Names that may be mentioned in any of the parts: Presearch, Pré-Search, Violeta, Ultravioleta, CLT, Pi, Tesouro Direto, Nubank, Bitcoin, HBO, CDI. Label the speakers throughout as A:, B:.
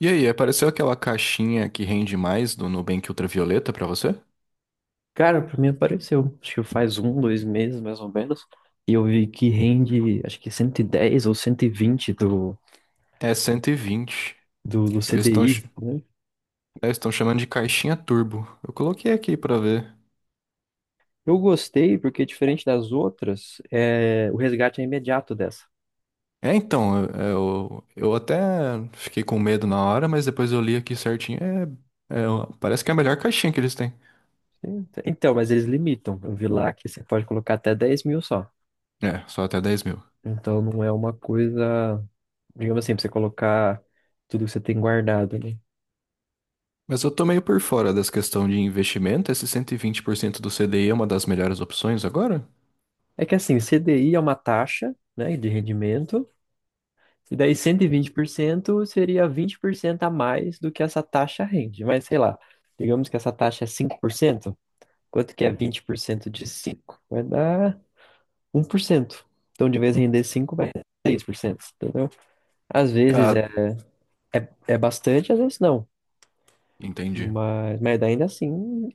A: E aí, apareceu aquela caixinha que rende mais do Nubank Ultravioleta pra você?
B: Cara, pra mim apareceu. Acho que faz um, dois meses, mais ou menos. E eu vi que rende, acho que 110 ou 120 do,
A: É 120.
B: do, do
A: Eles
B: CDI, né?
A: estão chamando de caixinha turbo. Eu coloquei aqui pra ver.
B: Eu gostei, porque diferente das outras, o resgate é imediato dessa.
A: Eu até fiquei com medo na hora, mas depois eu li aqui certinho. É, Parece que é a melhor caixinha que eles têm.
B: Então, mas eles limitam. Eu vi lá que você pode colocar até 10.000 só.
A: É, só até 10 mil.
B: Então, não é uma coisa, digamos assim, pra você colocar tudo que você tem guardado, né?
A: Mas eu tô meio por fora dessa questão de investimento. Esse 120% do CDI é uma das melhores opções agora?
B: É que assim, CDI é uma taxa, né, de rendimento. E daí 120% seria 20% a mais do que essa taxa rende. Mas sei lá, digamos que essa taxa é 5%, quanto que é 20% de 5? Vai dar 1%. Então, de vez em render 5, vai dar 6%, entendeu? Às vezes
A: Ah,
B: é bastante, às vezes não.
A: entendi.
B: Mas ainda assim,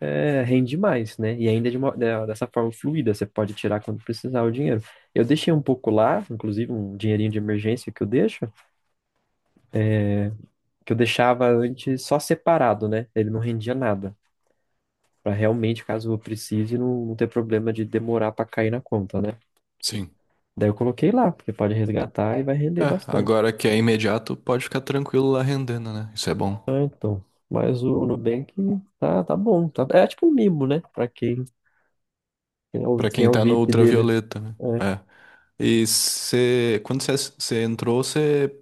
B: rende mais, né? E ainda dessa forma fluida, você pode tirar quando precisar o dinheiro. Eu deixei um pouco lá, inclusive um dinheirinho de emergência que eu deixo, que eu deixava antes só separado, né? Ele não rendia nada. Pra realmente, caso eu precise, não ter problema de demorar pra cair na conta, né?
A: Sim.
B: Daí eu coloquei lá, porque pode resgatar e vai render
A: É,
B: bastante.
A: agora que é imediato, pode ficar tranquilo lá rendendo, né? Isso é bom.
B: Ah, então. Mas o Nubank tá bom. Tá, é tipo um mimo, né? Pra
A: Pra
B: quem
A: quem
B: é o
A: tá no
B: VIP dele.
A: ultravioleta, né?
B: É.
A: É. E você, quando você entrou, você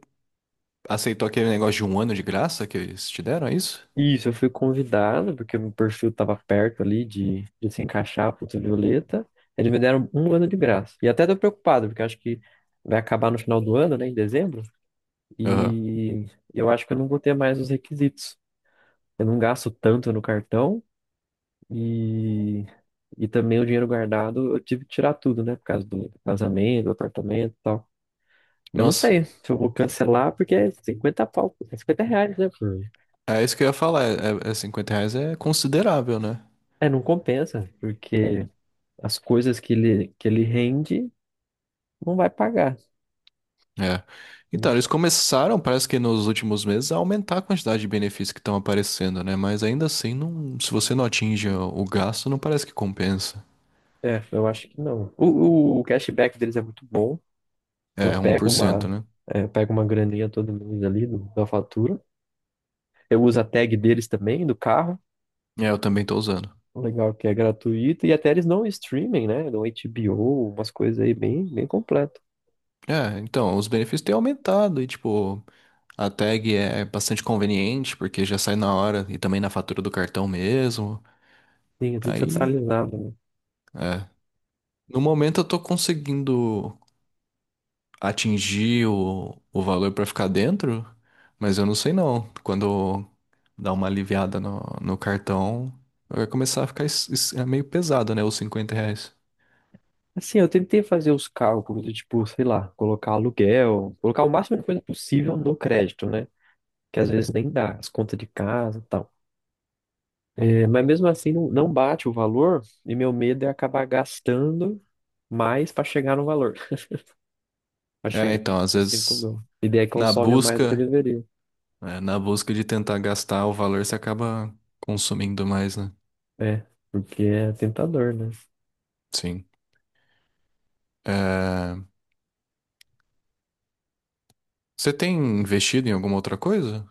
A: aceitou aquele negócio de 1 ano de graça que eles te deram, é isso?
B: Isso, eu fui convidado, porque meu perfil tava perto ali de se encaixar pro Violeta. Eles me deram um ano de graça. E até tô preocupado, porque eu acho que vai acabar no final do ano, né? Em dezembro.
A: Aham.
B: E eu acho que eu não vou ter mais os requisitos. Eu não gasto tanto no cartão e, e também o dinheiro guardado eu tive que tirar tudo, né? Por causa do casamento, apartamento e tal. Eu não
A: Nossa,
B: sei se eu vou cancelar, porque é 50 pau, é R$ 50, né?
A: é isso que eu ia falar. É, R$ 50 é considerável, né?
B: É, não compensa, porque as coisas que ele rende não vai pagar.
A: É. Então,
B: Mas,
A: eles começaram, parece que nos últimos meses, a aumentar a quantidade de benefícios que estão aparecendo, né? Mas ainda assim, não, se você não atinge o gasto, não parece que compensa.
B: é, eu acho que não. O cashback deles é muito bom. Eu
A: É, um
B: pego
A: por cento né?
B: eu pego uma graninha todo mês ali da fatura. Eu uso a tag deles também, do carro.
A: É, eu também tô usando.
B: Legal é que é gratuito. E até eles dão streaming, né? Dão HBO, umas coisas aí bem completo.
A: É, então, os benefícios têm aumentado e, tipo, a tag é bastante conveniente porque já sai na hora e também na fatura do cartão mesmo.
B: Sim, é tudo
A: Aí,
B: centralizado, né?
A: é. No momento eu tô conseguindo atingir o valor pra ficar dentro, mas eu não sei não. Quando dá uma aliviada no cartão, vai começar a ficar é meio pesado, né? Os R$ 50.
B: Assim, eu tentei fazer os cálculos, de, tipo, sei lá, colocar aluguel, colocar o máximo de coisa possível no crédito, né? Que às vezes nem dá, as contas de casa e tal. É, mas mesmo assim, não bate o valor, e meu medo é acabar gastando mais para chegar no valor, para
A: É,
B: chegar
A: então, às
B: nos 5
A: vezes,
B: mil. E daí
A: na
B: consome mais do que eu
A: busca.
B: deveria.
A: É, na busca de tentar gastar o valor, você acaba consumindo mais, né?
B: É, porque é tentador, né?
A: Sim. É, você tem investido em alguma outra coisa?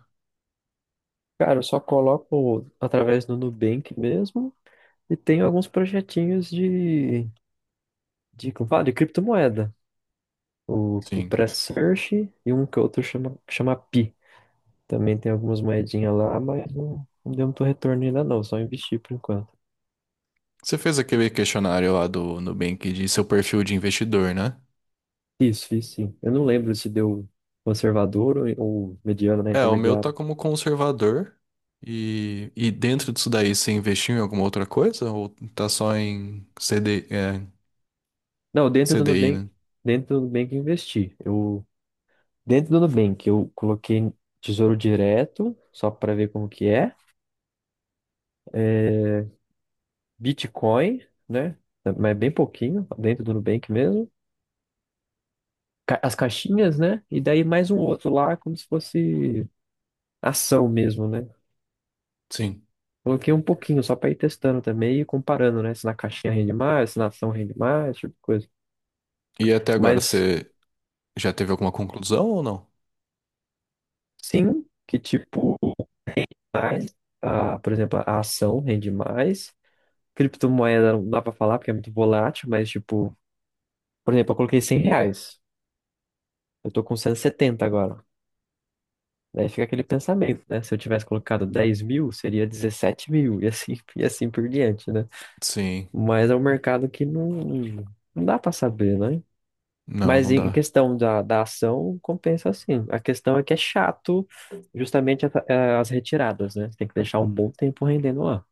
B: Cara, eu só coloco através do Nubank mesmo e tenho alguns projetinhos como fala, de criptomoeda. O
A: Sim.
B: Pré-Search e um que outro chama, que chama Pi. Também tem algumas moedinhas lá, mas não deu muito retorno ainda não, só investi por enquanto.
A: Você fez aquele questionário lá do Nubank de seu perfil de investidor, né?
B: Isso, fiz sim. Eu não lembro se deu conservador ou mediano, né,
A: É, o meu tá
B: intermediário.
A: como conservador. E dentro disso daí, você investiu em alguma outra coisa? Ou tá só em CD,
B: Não, dentro do
A: CDI,
B: Nubank,
A: né?
B: dentro do Nubank eu investi. Eu, dentro do Nubank eu coloquei Tesouro Direto, só para ver como que é. É, Bitcoin, né? Mas é bem pouquinho, dentro do Nubank mesmo. As caixinhas, né? E daí mais um outro lá, como se fosse ação mesmo, né?
A: Sim.
B: Coloquei um pouquinho só para ir testando também e comparando, né? Se na caixinha rende mais, se na ação rende mais, esse tipo de coisa.
A: E até agora,
B: Mas
A: você já teve alguma conclusão ou não?
B: sim, que tipo, mais, a, por exemplo, a ação rende mais. Criptomoeda não dá para falar porque é muito volátil, mas tipo, por exemplo, eu coloquei R$ 100. Eu tô com 170 agora. Daí fica aquele pensamento, né? Se eu tivesse colocado 10.000, seria 17.000, e assim, e assim por diante, né?
A: Sim.
B: Mas é um mercado que não dá para saber, né?
A: Não,
B: Mas
A: não
B: em
A: dá.
B: questão da ação, compensa sim. A questão é que é chato justamente as retiradas, né? Você tem que deixar um bom tempo rendendo lá.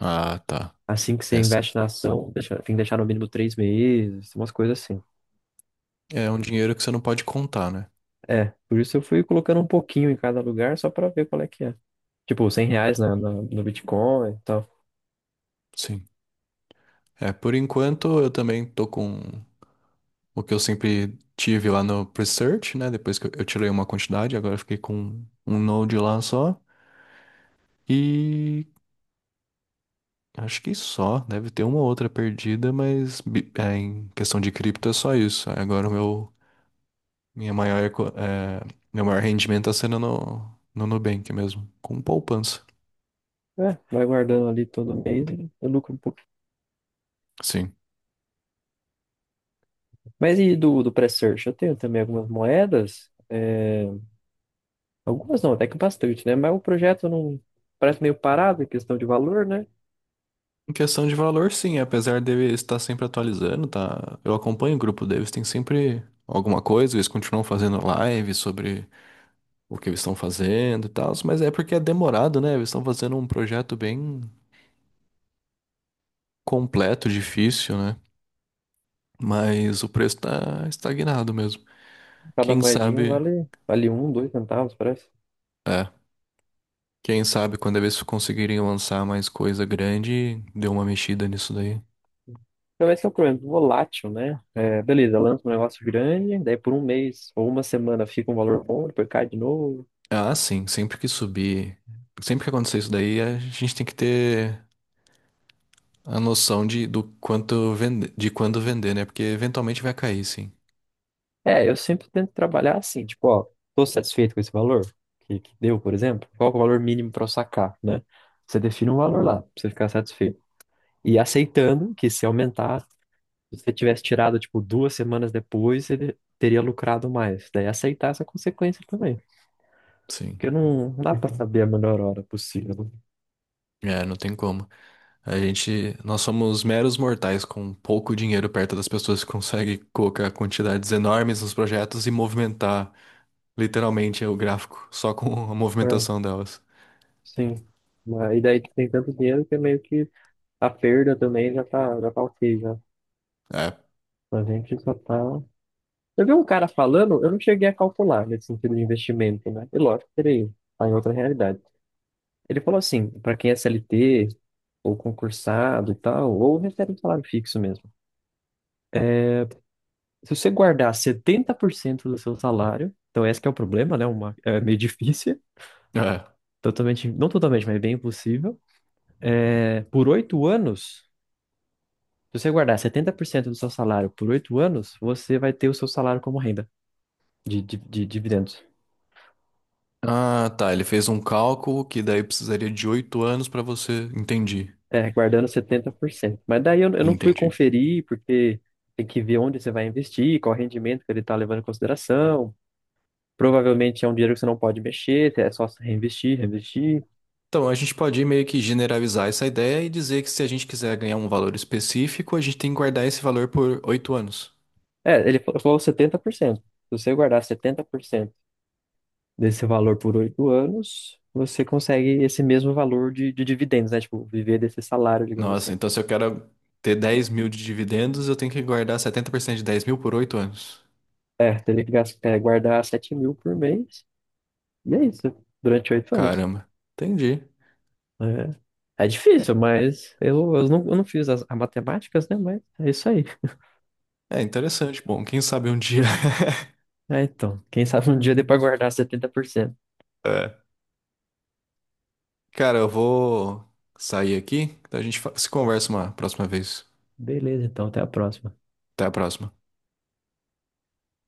A: Ah, tá.
B: Assim que você
A: É,
B: investe na ação, tem que deixar no mínimo 3 meses, umas coisas assim.
A: é um dinheiro que você não pode contar, né?
B: É, por isso eu fui colocando um pouquinho em cada lugar só para ver qual é que é. Tipo, R$ 100 no Bitcoin.
A: Sim. É, por enquanto eu também tô com o que eu sempre tive lá no Presearch, né? Depois que eu tirei uma quantidade, agora eu fiquei com um node lá só. E acho que só, deve ter uma ou outra perdida, mas em questão de cripto é só isso. Aí, agora minha maior, meu maior rendimento tá sendo no Nubank mesmo, com poupança.
B: É, vai guardando ali todo mês e eu lucro um pouquinho.
A: Sim.
B: Mas e do pré-search? Eu tenho também algumas moedas. Algumas não, até que bastante, né? Mas o projeto não parece meio parado em questão de valor, né?
A: Em questão de valor, sim, apesar dele estar sempre atualizando, tá? Eu acompanho o grupo deles, tem sempre alguma coisa, eles continuam fazendo live sobre o que eles estão fazendo e tal, mas é porque é demorado, né? Eles estão fazendo um projeto bem completo, difícil, né? Mas o preço tá estagnado mesmo.
B: Cada
A: Quem
B: moedinha
A: sabe,
B: vale um, dois centavos, parece.
A: é, quem sabe quando eles conseguirem lançar mais coisa grande, deu uma mexida nisso daí.
B: Então esse é o problema, volátil, né? É, beleza, lança um negócio grande, daí por um mês ou uma semana fica um valor bom, depois cai de novo.
A: Ah, sim, sempre que subir, sempre que acontecer isso daí, a gente tem que ter a noção de, do quanto vende, de quando vender, né? Porque eventualmente vai cair, sim.
B: É, eu sempre tento trabalhar assim, tipo, ó, tô satisfeito com esse valor que deu, por exemplo, qual que é o valor mínimo para eu sacar, né? Você define um valor lá, pra você ficar satisfeito. E aceitando que se aumentar, se você tivesse tirado, tipo, duas semanas depois, ele teria lucrado mais. Daí aceitar essa consequência também.
A: Sim.
B: Porque não dá pra saber a melhor hora possível.
A: É, não tem como. A gente, nós somos meros mortais com pouco dinheiro perto das pessoas que conseguem colocar quantidades enormes nos projetos e movimentar literalmente o gráfico só com a
B: Né? É,
A: movimentação delas.
B: sim. Mas, e daí tem tanto dinheiro que é meio que a perda também já tá ok, já.
A: É.
B: A gente só tá. Eu vi um cara falando, eu não cheguei a calcular nesse sentido de investimento, né? E lógico, teria tá em outra realidade. Ele falou assim, para quem é CLT, ou concursado e tal, ou recebe um salário fixo mesmo. Se você guardar 70% do seu salário, então esse que é o problema, né? Uma, é meio difícil,
A: É.
B: totalmente, não totalmente, mas bem impossível. É, por oito anos, se você guardar 70% do seu salário por oito anos, você vai ter o seu salário como renda de dividendos.
A: Ah, tá. Ele fez um cálculo que daí precisaria de 8 anos pra você. Entendi.
B: É, guardando 70%. Mas daí eu não fui
A: Entendi.
B: conferir, porque tem que ver onde você vai investir, qual rendimento que ele está levando em consideração. Provavelmente é um dinheiro que você não pode mexer, é só se reinvestir, reinvestir.
A: Então, a gente pode meio que generalizar essa ideia e dizer que se a gente quiser ganhar um valor específico, a gente tem que guardar esse valor por 8 anos.
B: É, falou 70%. Se você guardar 70% desse valor por oito anos, você consegue esse mesmo valor de dividendos, né? Tipo, viver desse salário, digamos
A: Nossa,
B: assim.
A: então se eu quero ter 10 mil de dividendos, eu tenho que guardar 70% de 10 mil por 8 anos.
B: É, teria guardar 7.000 por mês, e é isso, durante oito anos.
A: Caramba, entendi.
B: É, é difícil, mas eu não fiz as matemáticas, né? Mas é isso aí.
A: É interessante. Bom, quem sabe um dia.
B: É, então, quem sabe um dia dê pra guardar setenta por cento.
A: É. Cara, eu vou sair aqui, então a gente se conversa uma próxima vez.
B: Beleza, então, até a próxima.
A: Até a próxima.